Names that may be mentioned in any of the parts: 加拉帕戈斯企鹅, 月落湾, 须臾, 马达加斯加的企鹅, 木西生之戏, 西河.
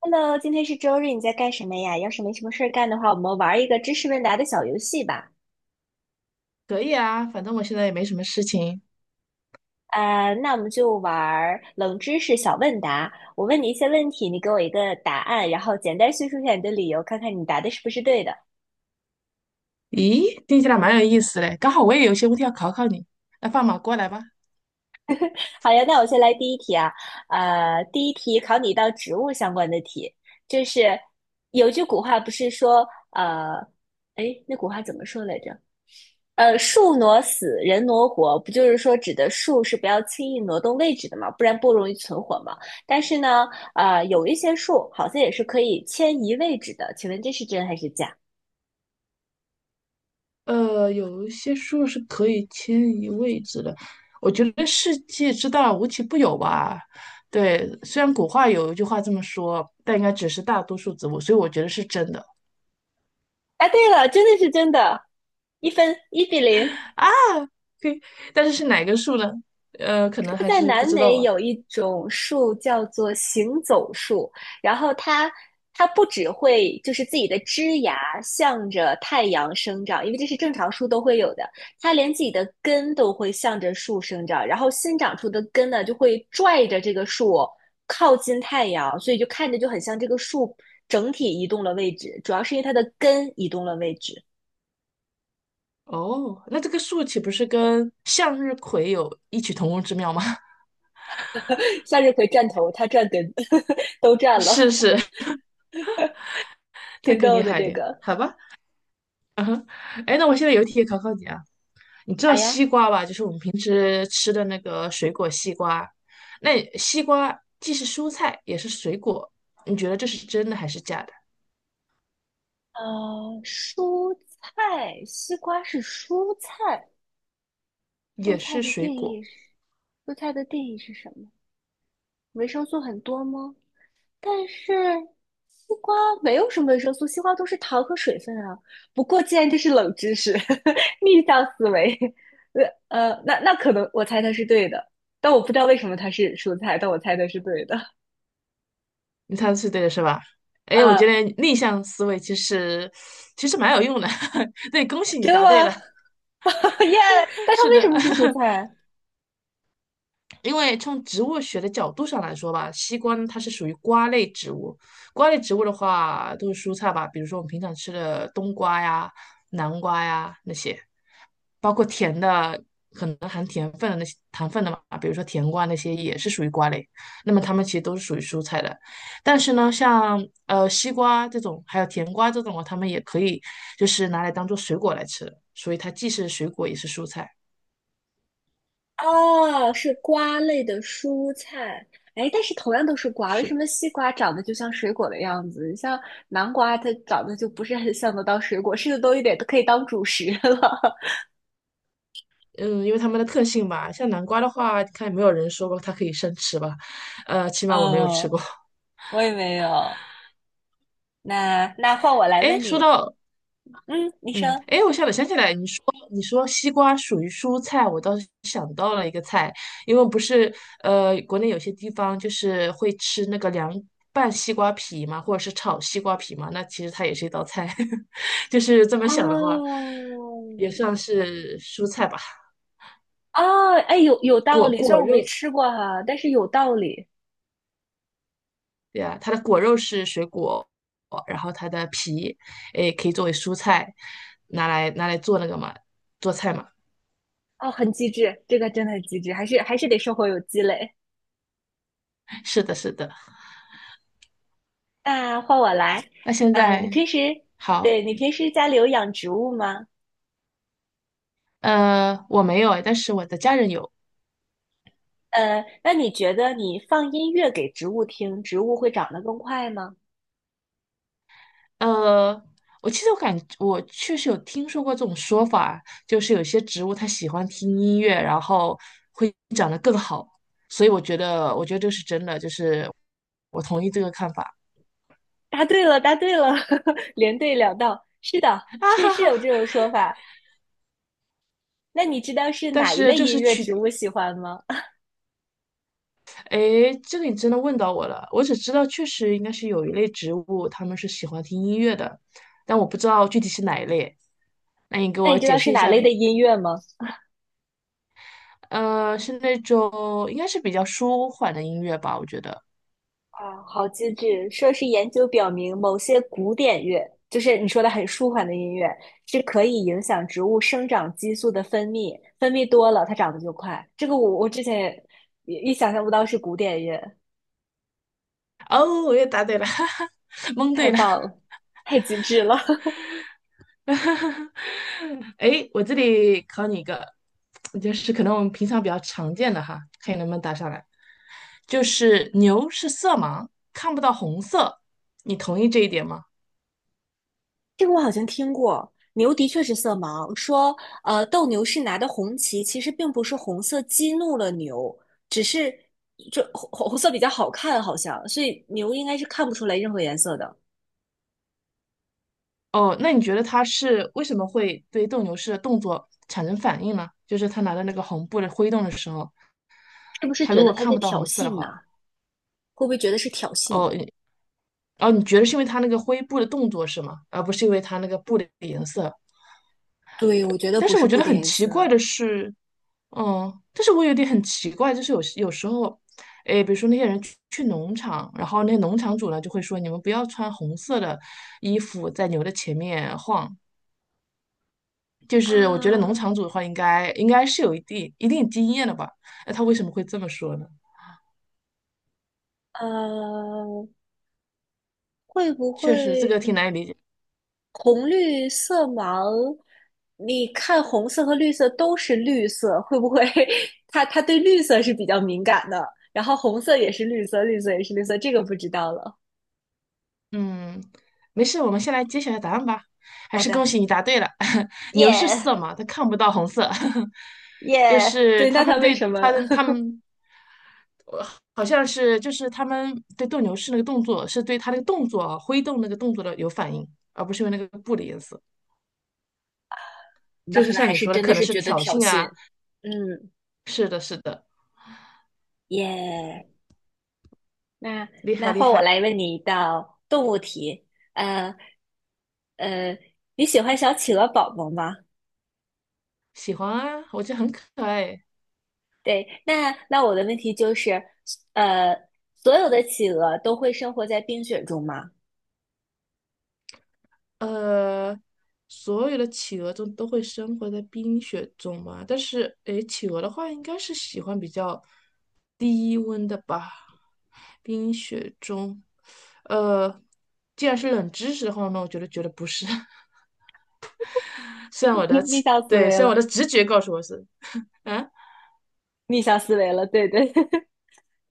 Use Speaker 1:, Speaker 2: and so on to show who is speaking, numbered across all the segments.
Speaker 1: Hello，今天是周日，你在干什么呀？要是没什么事儿干的话，我们玩一个知识问答的小游戏吧。
Speaker 2: 可以啊，反正我现在也没什么事情。
Speaker 1: 那我们就玩冷知识小问答。我问你一些问题，你给我一个答案，然后简单叙述一下你的理由，看看你答的是不是对的。
Speaker 2: 咦，听起来蛮有意思嘞，刚好我也有些问题要考考你。那放马过来吧。
Speaker 1: 好呀，那我先来第一题啊。第一题考你一道植物相关的题，就是,有句古话不是说，哎，那古话怎么说来着？树挪死，人挪活，不就是说指的树是不要轻易挪动位置的嘛，不然不容易存活嘛。但是呢，啊，有一些树好像也是可以迁移位置的，请问这是真还是假？
Speaker 2: 有一些树是可以迁移位置的，我觉得世界之大无奇不有吧。对，虽然古话有一句话这么说，但应该只是大多数植物，所以我觉得是真的
Speaker 1: 哎，对了，真的是真的，一分一比零。
Speaker 2: 啊。对，但是是哪个树呢？可能还
Speaker 1: 在
Speaker 2: 是不
Speaker 1: 南
Speaker 2: 知道
Speaker 1: 美
Speaker 2: 吧。
Speaker 1: 有一种树叫做行走树，然后它不只会就是自己的枝芽向着太阳生长，因为这是正常树都会有的，它连自己的根都会向着树生长，然后新长出的根呢就会拽着这个树靠近太阳，所以就看着就很像这个树整体移动了位置，主要是因为它的根移动了位置。
Speaker 2: 哦，那这个树岂不是跟向日葵有异曲同工之妙吗？
Speaker 1: 向日葵站头，它站根，都站了，
Speaker 2: 是是，他
Speaker 1: 挺
Speaker 2: 更
Speaker 1: 逗
Speaker 2: 厉
Speaker 1: 的
Speaker 2: 害一
Speaker 1: 这
Speaker 2: 点，
Speaker 1: 个。
Speaker 2: 好吧？哎，那我现在有题也考考你啊，你知道
Speaker 1: 好呀。
Speaker 2: 西瓜吧？就是我们平时吃的那个水果西瓜，那西瓜既是蔬菜也是水果，你觉得这是真的还是假的？
Speaker 1: 蔬菜，西瓜是蔬菜，
Speaker 2: 也是水果，
Speaker 1: 维生素很多吗？但是西瓜没有什么维生素，西瓜都是糖和水分啊。不过既然这是冷知识，逆向思维，那可能我猜它是对的，但我不知道为什么它是蔬菜，但我猜它是对的。
Speaker 2: 你猜的是对的是吧？哎，我觉
Speaker 1: 呃，
Speaker 2: 得逆向思维其实蛮有用的，对，恭喜你
Speaker 1: 真的
Speaker 2: 答对
Speaker 1: 吗？
Speaker 2: 了，
Speaker 1: 耶！但它
Speaker 2: 是
Speaker 1: 为什
Speaker 2: 的。
Speaker 1: 么是蔬菜啊？
Speaker 2: 因为从植物学的角度上来说吧，西瓜呢它是属于瓜类植物。瓜类植物的话，都是蔬菜吧，比如说我们平常吃的冬瓜呀、南瓜呀那些，包括甜的，可能含甜分的那些糖分的嘛，比如说甜瓜那些也是属于瓜类。那么它们其实都是属于蔬菜的。但是呢，像西瓜这种，还有甜瓜这种啊，它们也可以就是拿来当做水果来吃的，所以它既是水果也是蔬菜。
Speaker 1: 哦，是瓜类的蔬菜。哎，但是同样都是瓜，为什
Speaker 2: 是的
Speaker 1: 么西瓜长得就像水果的样子？像南瓜，它长得就不是很像得到水果，吃的多一点都可以当主食了。
Speaker 2: 嗯，因为它们的特性吧，像南瓜的话，看有没有人说过它可以生吃吧，起 码我没有吃
Speaker 1: 哦，
Speaker 2: 过。
Speaker 1: 我也没有。那换我来
Speaker 2: 哎，
Speaker 1: 问
Speaker 2: 说
Speaker 1: 你，
Speaker 2: 到，
Speaker 1: 嗯，你
Speaker 2: 嗯，
Speaker 1: 说，
Speaker 2: 哎，我想想起来，你说西瓜属于蔬菜，我倒是想到了一个菜，因为不是呃，国内有些地方就是会吃那个凉拌西瓜皮嘛，或者是炒西瓜皮嘛，那其实它也是一道菜，就是这么想的话，
Speaker 1: 哦，
Speaker 2: 也算是蔬菜吧，
Speaker 1: 哦，哎，有道理，虽
Speaker 2: 果
Speaker 1: 然我没
Speaker 2: 肉，
Speaker 1: 吃过哈，但是有道理。
Speaker 2: 对啊，它的果肉是水果，然后它的皮，诶，可以作为蔬菜，拿来做那个嘛，做菜嘛。
Speaker 1: 哦，很机智，这个真的很机智，还是得生活有积累。
Speaker 2: 是的，是的。
Speaker 1: 那换我来，
Speaker 2: 那现
Speaker 1: 你
Speaker 2: 在
Speaker 1: 平时，
Speaker 2: 好，
Speaker 1: 对，你平时家里有养植物吗？
Speaker 2: 我没有诶，但是我的家人有。
Speaker 1: 那你觉得你放音乐给植物听，植物会长得更快吗？
Speaker 2: 呃，我其实我感我确实有听说过这种说法，就是有些植物它喜欢听音乐，然后会长得更好。所以我觉得，我觉得这是真的，就是我同意这个看法。
Speaker 1: 答对了，答对了，连对两道。是的，是有 这种说法。那你知道是
Speaker 2: 但
Speaker 1: 哪一
Speaker 2: 是
Speaker 1: 类
Speaker 2: 这
Speaker 1: 音
Speaker 2: 是
Speaker 1: 乐
Speaker 2: 取
Speaker 1: 植物喜欢吗？
Speaker 2: 诶，这个你真的问到我了。我只知道确实应该是有一类植物，它们是喜欢听音乐的，但我不知道具体是哪一类。那你给
Speaker 1: 那你
Speaker 2: 我
Speaker 1: 知
Speaker 2: 解
Speaker 1: 道是
Speaker 2: 释一
Speaker 1: 哪
Speaker 2: 下
Speaker 1: 类的
Speaker 2: 呗？
Speaker 1: 音乐吗？
Speaker 2: 呃，是那种应该是比较舒缓的音乐吧，我觉得。
Speaker 1: 啊，好机智！说是研究表明，某些古典乐，就是你说的很舒缓的音乐，是可以影响植物生长激素的分泌，分泌多了，它长得就快。这个我之前也想象不到是古典乐，
Speaker 2: 哦，我又答对了，哈哈，蒙
Speaker 1: 太
Speaker 2: 对了。
Speaker 1: 棒了，太机智了！
Speaker 2: 诶，我这里考你一个，就是可能我们平常比较常见的哈，看你能不能答上来。就是牛是色盲，看不到红色，你同意这一点吗？
Speaker 1: 这个我好像听过，牛的确是色盲，说斗牛士拿的红旗其实并不是红色激怒了牛，只是这红色比较好看，好像，所以牛应该是看不出来任何颜色的。
Speaker 2: 哦，那你觉得他是为什么会对斗牛士的动作产生反应呢？就是他拿着那个红布的挥动的时候，
Speaker 1: 是不是
Speaker 2: 他
Speaker 1: 觉
Speaker 2: 如
Speaker 1: 得
Speaker 2: 果
Speaker 1: 他
Speaker 2: 看
Speaker 1: 在
Speaker 2: 不到
Speaker 1: 挑
Speaker 2: 红色的
Speaker 1: 衅呢？
Speaker 2: 话，
Speaker 1: 会不会觉得是挑衅？
Speaker 2: 哦，你哦，你觉得是因为他那个灰布的动作是吗？而不是因为他那个布的颜色？
Speaker 1: 对，我觉得
Speaker 2: 但
Speaker 1: 不
Speaker 2: 是
Speaker 1: 是
Speaker 2: 我觉
Speaker 1: 布
Speaker 2: 得
Speaker 1: 的
Speaker 2: 很
Speaker 1: 颜
Speaker 2: 奇怪
Speaker 1: 色
Speaker 2: 的是，嗯，但是我有点很奇怪，就是有时候，哎，比如说那些人去农场，然后那些农场主呢就会说，你们不要穿红色的衣服在牛的前面晃，就是我觉得农
Speaker 1: 啊，
Speaker 2: 场主的话应该是有一定经验的吧？那他为什么会这么说呢？
Speaker 1: 呃，会不
Speaker 2: 确
Speaker 1: 会
Speaker 2: 实，这个挺难以理解。
Speaker 1: 红绿色盲？你看红色和绿色都是绿色，会不会 他对绿色是比较敏感的？然后红色也是绿色，绿色也是绿色，这个不知道了。
Speaker 2: 嗯，没事，我们先来揭晓一下答案吧。还
Speaker 1: 好
Speaker 2: 是
Speaker 1: 的，
Speaker 2: 恭喜你答对了，牛是
Speaker 1: 耶
Speaker 2: 色盲，它看不到红色，就
Speaker 1: 耶，
Speaker 2: 是
Speaker 1: 对，
Speaker 2: 他
Speaker 1: 那他
Speaker 2: 们
Speaker 1: 为
Speaker 2: 对
Speaker 1: 什么？
Speaker 2: 他的他 们呃好像是就是他们对斗牛士那个动作是对他那个动作啊挥动那个动作的有反应，而不是因为那个布的颜色。
Speaker 1: 那
Speaker 2: 就
Speaker 1: 可
Speaker 2: 是
Speaker 1: 能
Speaker 2: 像
Speaker 1: 还
Speaker 2: 你
Speaker 1: 是
Speaker 2: 说的，
Speaker 1: 真
Speaker 2: 可
Speaker 1: 的
Speaker 2: 能
Speaker 1: 是
Speaker 2: 是
Speaker 1: 觉得
Speaker 2: 挑
Speaker 1: 挑
Speaker 2: 衅啊。
Speaker 1: 衅。嗯，
Speaker 2: 是的，是的，
Speaker 1: 耶、那
Speaker 2: 厉害厉
Speaker 1: 换我
Speaker 2: 害。
Speaker 1: 来问你一道动物题，呃呃，你喜欢小企鹅宝宝吗？
Speaker 2: 喜欢啊，我觉得很可爱。
Speaker 1: 对，那我的问题就是，呃，所有的企鹅都会生活在冰雪中吗？
Speaker 2: 呃，所有的企鹅中都会生活在冰雪中嘛，但是诶，企鹅的话应该是喜欢比较低温的吧。冰雪中，呃，既然是冷知识的话，那我觉得不是。
Speaker 1: 逆向思维
Speaker 2: 虽然我
Speaker 1: 了，
Speaker 2: 的直觉告诉我是，啊，
Speaker 1: 逆向思维了，对对，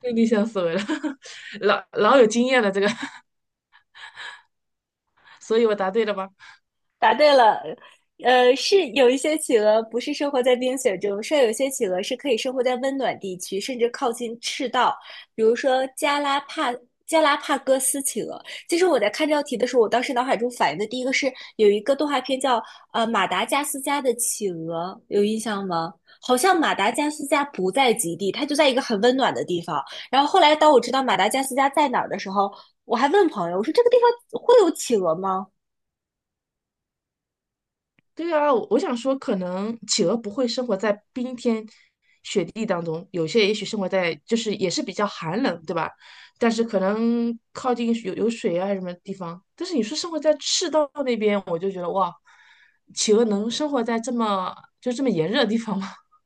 Speaker 2: 被逆向思维了，老老有经验了这个，所以我答对了吧？
Speaker 1: 答对了，是有一些企鹅不是生活在冰雪中，是有一些企鹅是可以生活在温暖地区，甚至靠近赤道，比如说加拉帕戈斯企鹅。其实我在看这道题的时候，我当时脑海中反应的第一个是有一个动画片叫《马达加斯加的企鹅》，有印象吗？好像马达加斯加不在极地，它就在一个很温暖的地方。然后后来当我知道马达加斯加在哪儿的时候，我还问朋友，我说这个地方会有企鹅吗？
Speaker 2: 对啊，我想说，可能企鹅不会生活在冰天雪地当中，有些也许生活在就是也是比较寒冷，对吧？但是可能靠近有水啊什么地方。但是你说生活在赤道那边，我就觉得哇，企鹅能生活在就这么炎热的地方吗？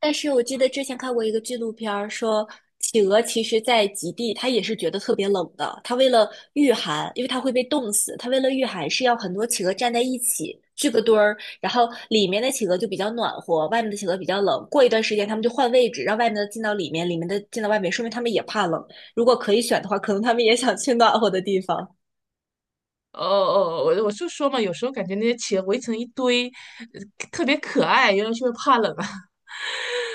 Speaker 1: 但是我记得之前看过一个纪录片儿，说企鹅其实在极地，它也是觉得特别冷的。它为了御寒，因为它会被冻死，它为了御寒是要很多企鹅站在一起聚个堆儿，然后里面的企鹅就比较暖和，外面的企鹅比较冷。过一段时间，它们就换位置，让外面的进到里面，里面的进到外面，说明它们也怕冷。如果可以选的话，可能它们也想去暖和的地方，
Speaker 2: 哦哦，我就说嘛，有时候感觉那些企鹅围成一堆，呃特别可爱，原来是因为怕冷啊。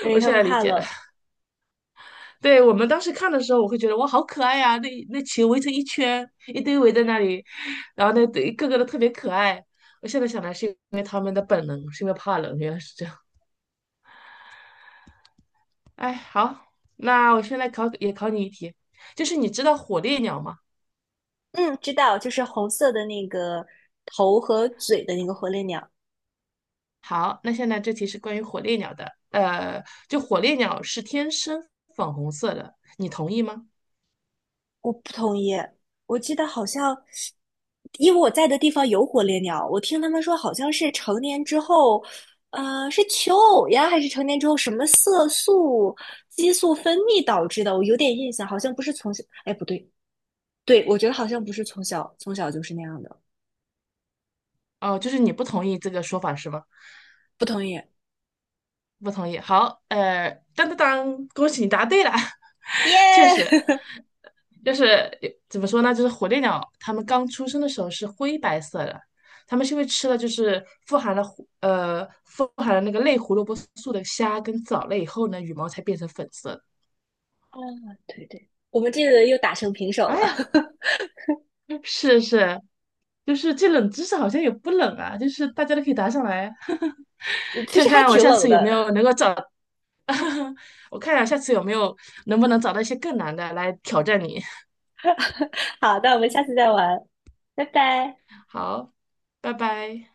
Speaker 1: 因 为
Speaker 2: 我
Speaker 1: 它
Speaker 2: 现
Speaker 1: 们
Speaker 2: 在理
Speaker 1: 怕
Speaker 2: 解了。
Speaker 1: 冷。
Speaker 2: 对，我们当时看的时候，我会觉得哇，好可爱呀、那球围成一圈，一堆围在那里，然后那一个个都特别可爱。我现在想来是因为他们的本能，是因为怕冷，原来是这样。哎，好，那我现在也考你一题，就是你知道火烈鸟吗？
Speaker 1: 嗯，知道，就是红色的那个头和嘴的那个火烈鸟。
Speaker 2: 好，那现在这题是关于火烈鸟的。呃，就火烈鸟是天生粉红色的，你同意吗？
Speaker 1: 我不同意。我记得好像，因为我在的地方有火烈鸟，我听他们说好像是成年之后，是求偶呀，还是成年之后什么色素、激素分泌导致的？我有点印象，好像不是从小，哎，不对，对，我觉得好像不是从小就是那样的。
Speaker 2: 哦，就是你不同意这个说法是吗？
Speaker 1: 不同意。
Speaker 2: 不同意。好，呃，当当当，恭喜你答对了。
Speaker 1: 耶！
Speaker 2: 确实，就是怎么说呢？就是火烈鸟，它们刚出生的时候是灰白色的，它们是因为吃了就是富含了那个类胡萝卜素的虾跟藻类以后呢，羽毛才变成粉色的。
Speaker 1: 啊，对对，我们这个又打成平手了，
Speaker 2: 哎呀，是是，就是这冷知识好像也不冷啊，就是大家都可以答上来，
Speaker 1: 其
Speaker 2: 看
Speaker 1: 实还
Speaker 2: 看我
Speaker 1: 挺
Speaker 2: 下
Speaker 1: 冷
Speaker 2: 次有没有
Speaker 1: 的。
Speaker 2: 能够找，我看看下次有没有能不能找到一些更难的来挑战你。
Speaker 1: 好，那我们下次再玩，拜拜。
Speaker 2: 好，拜拜。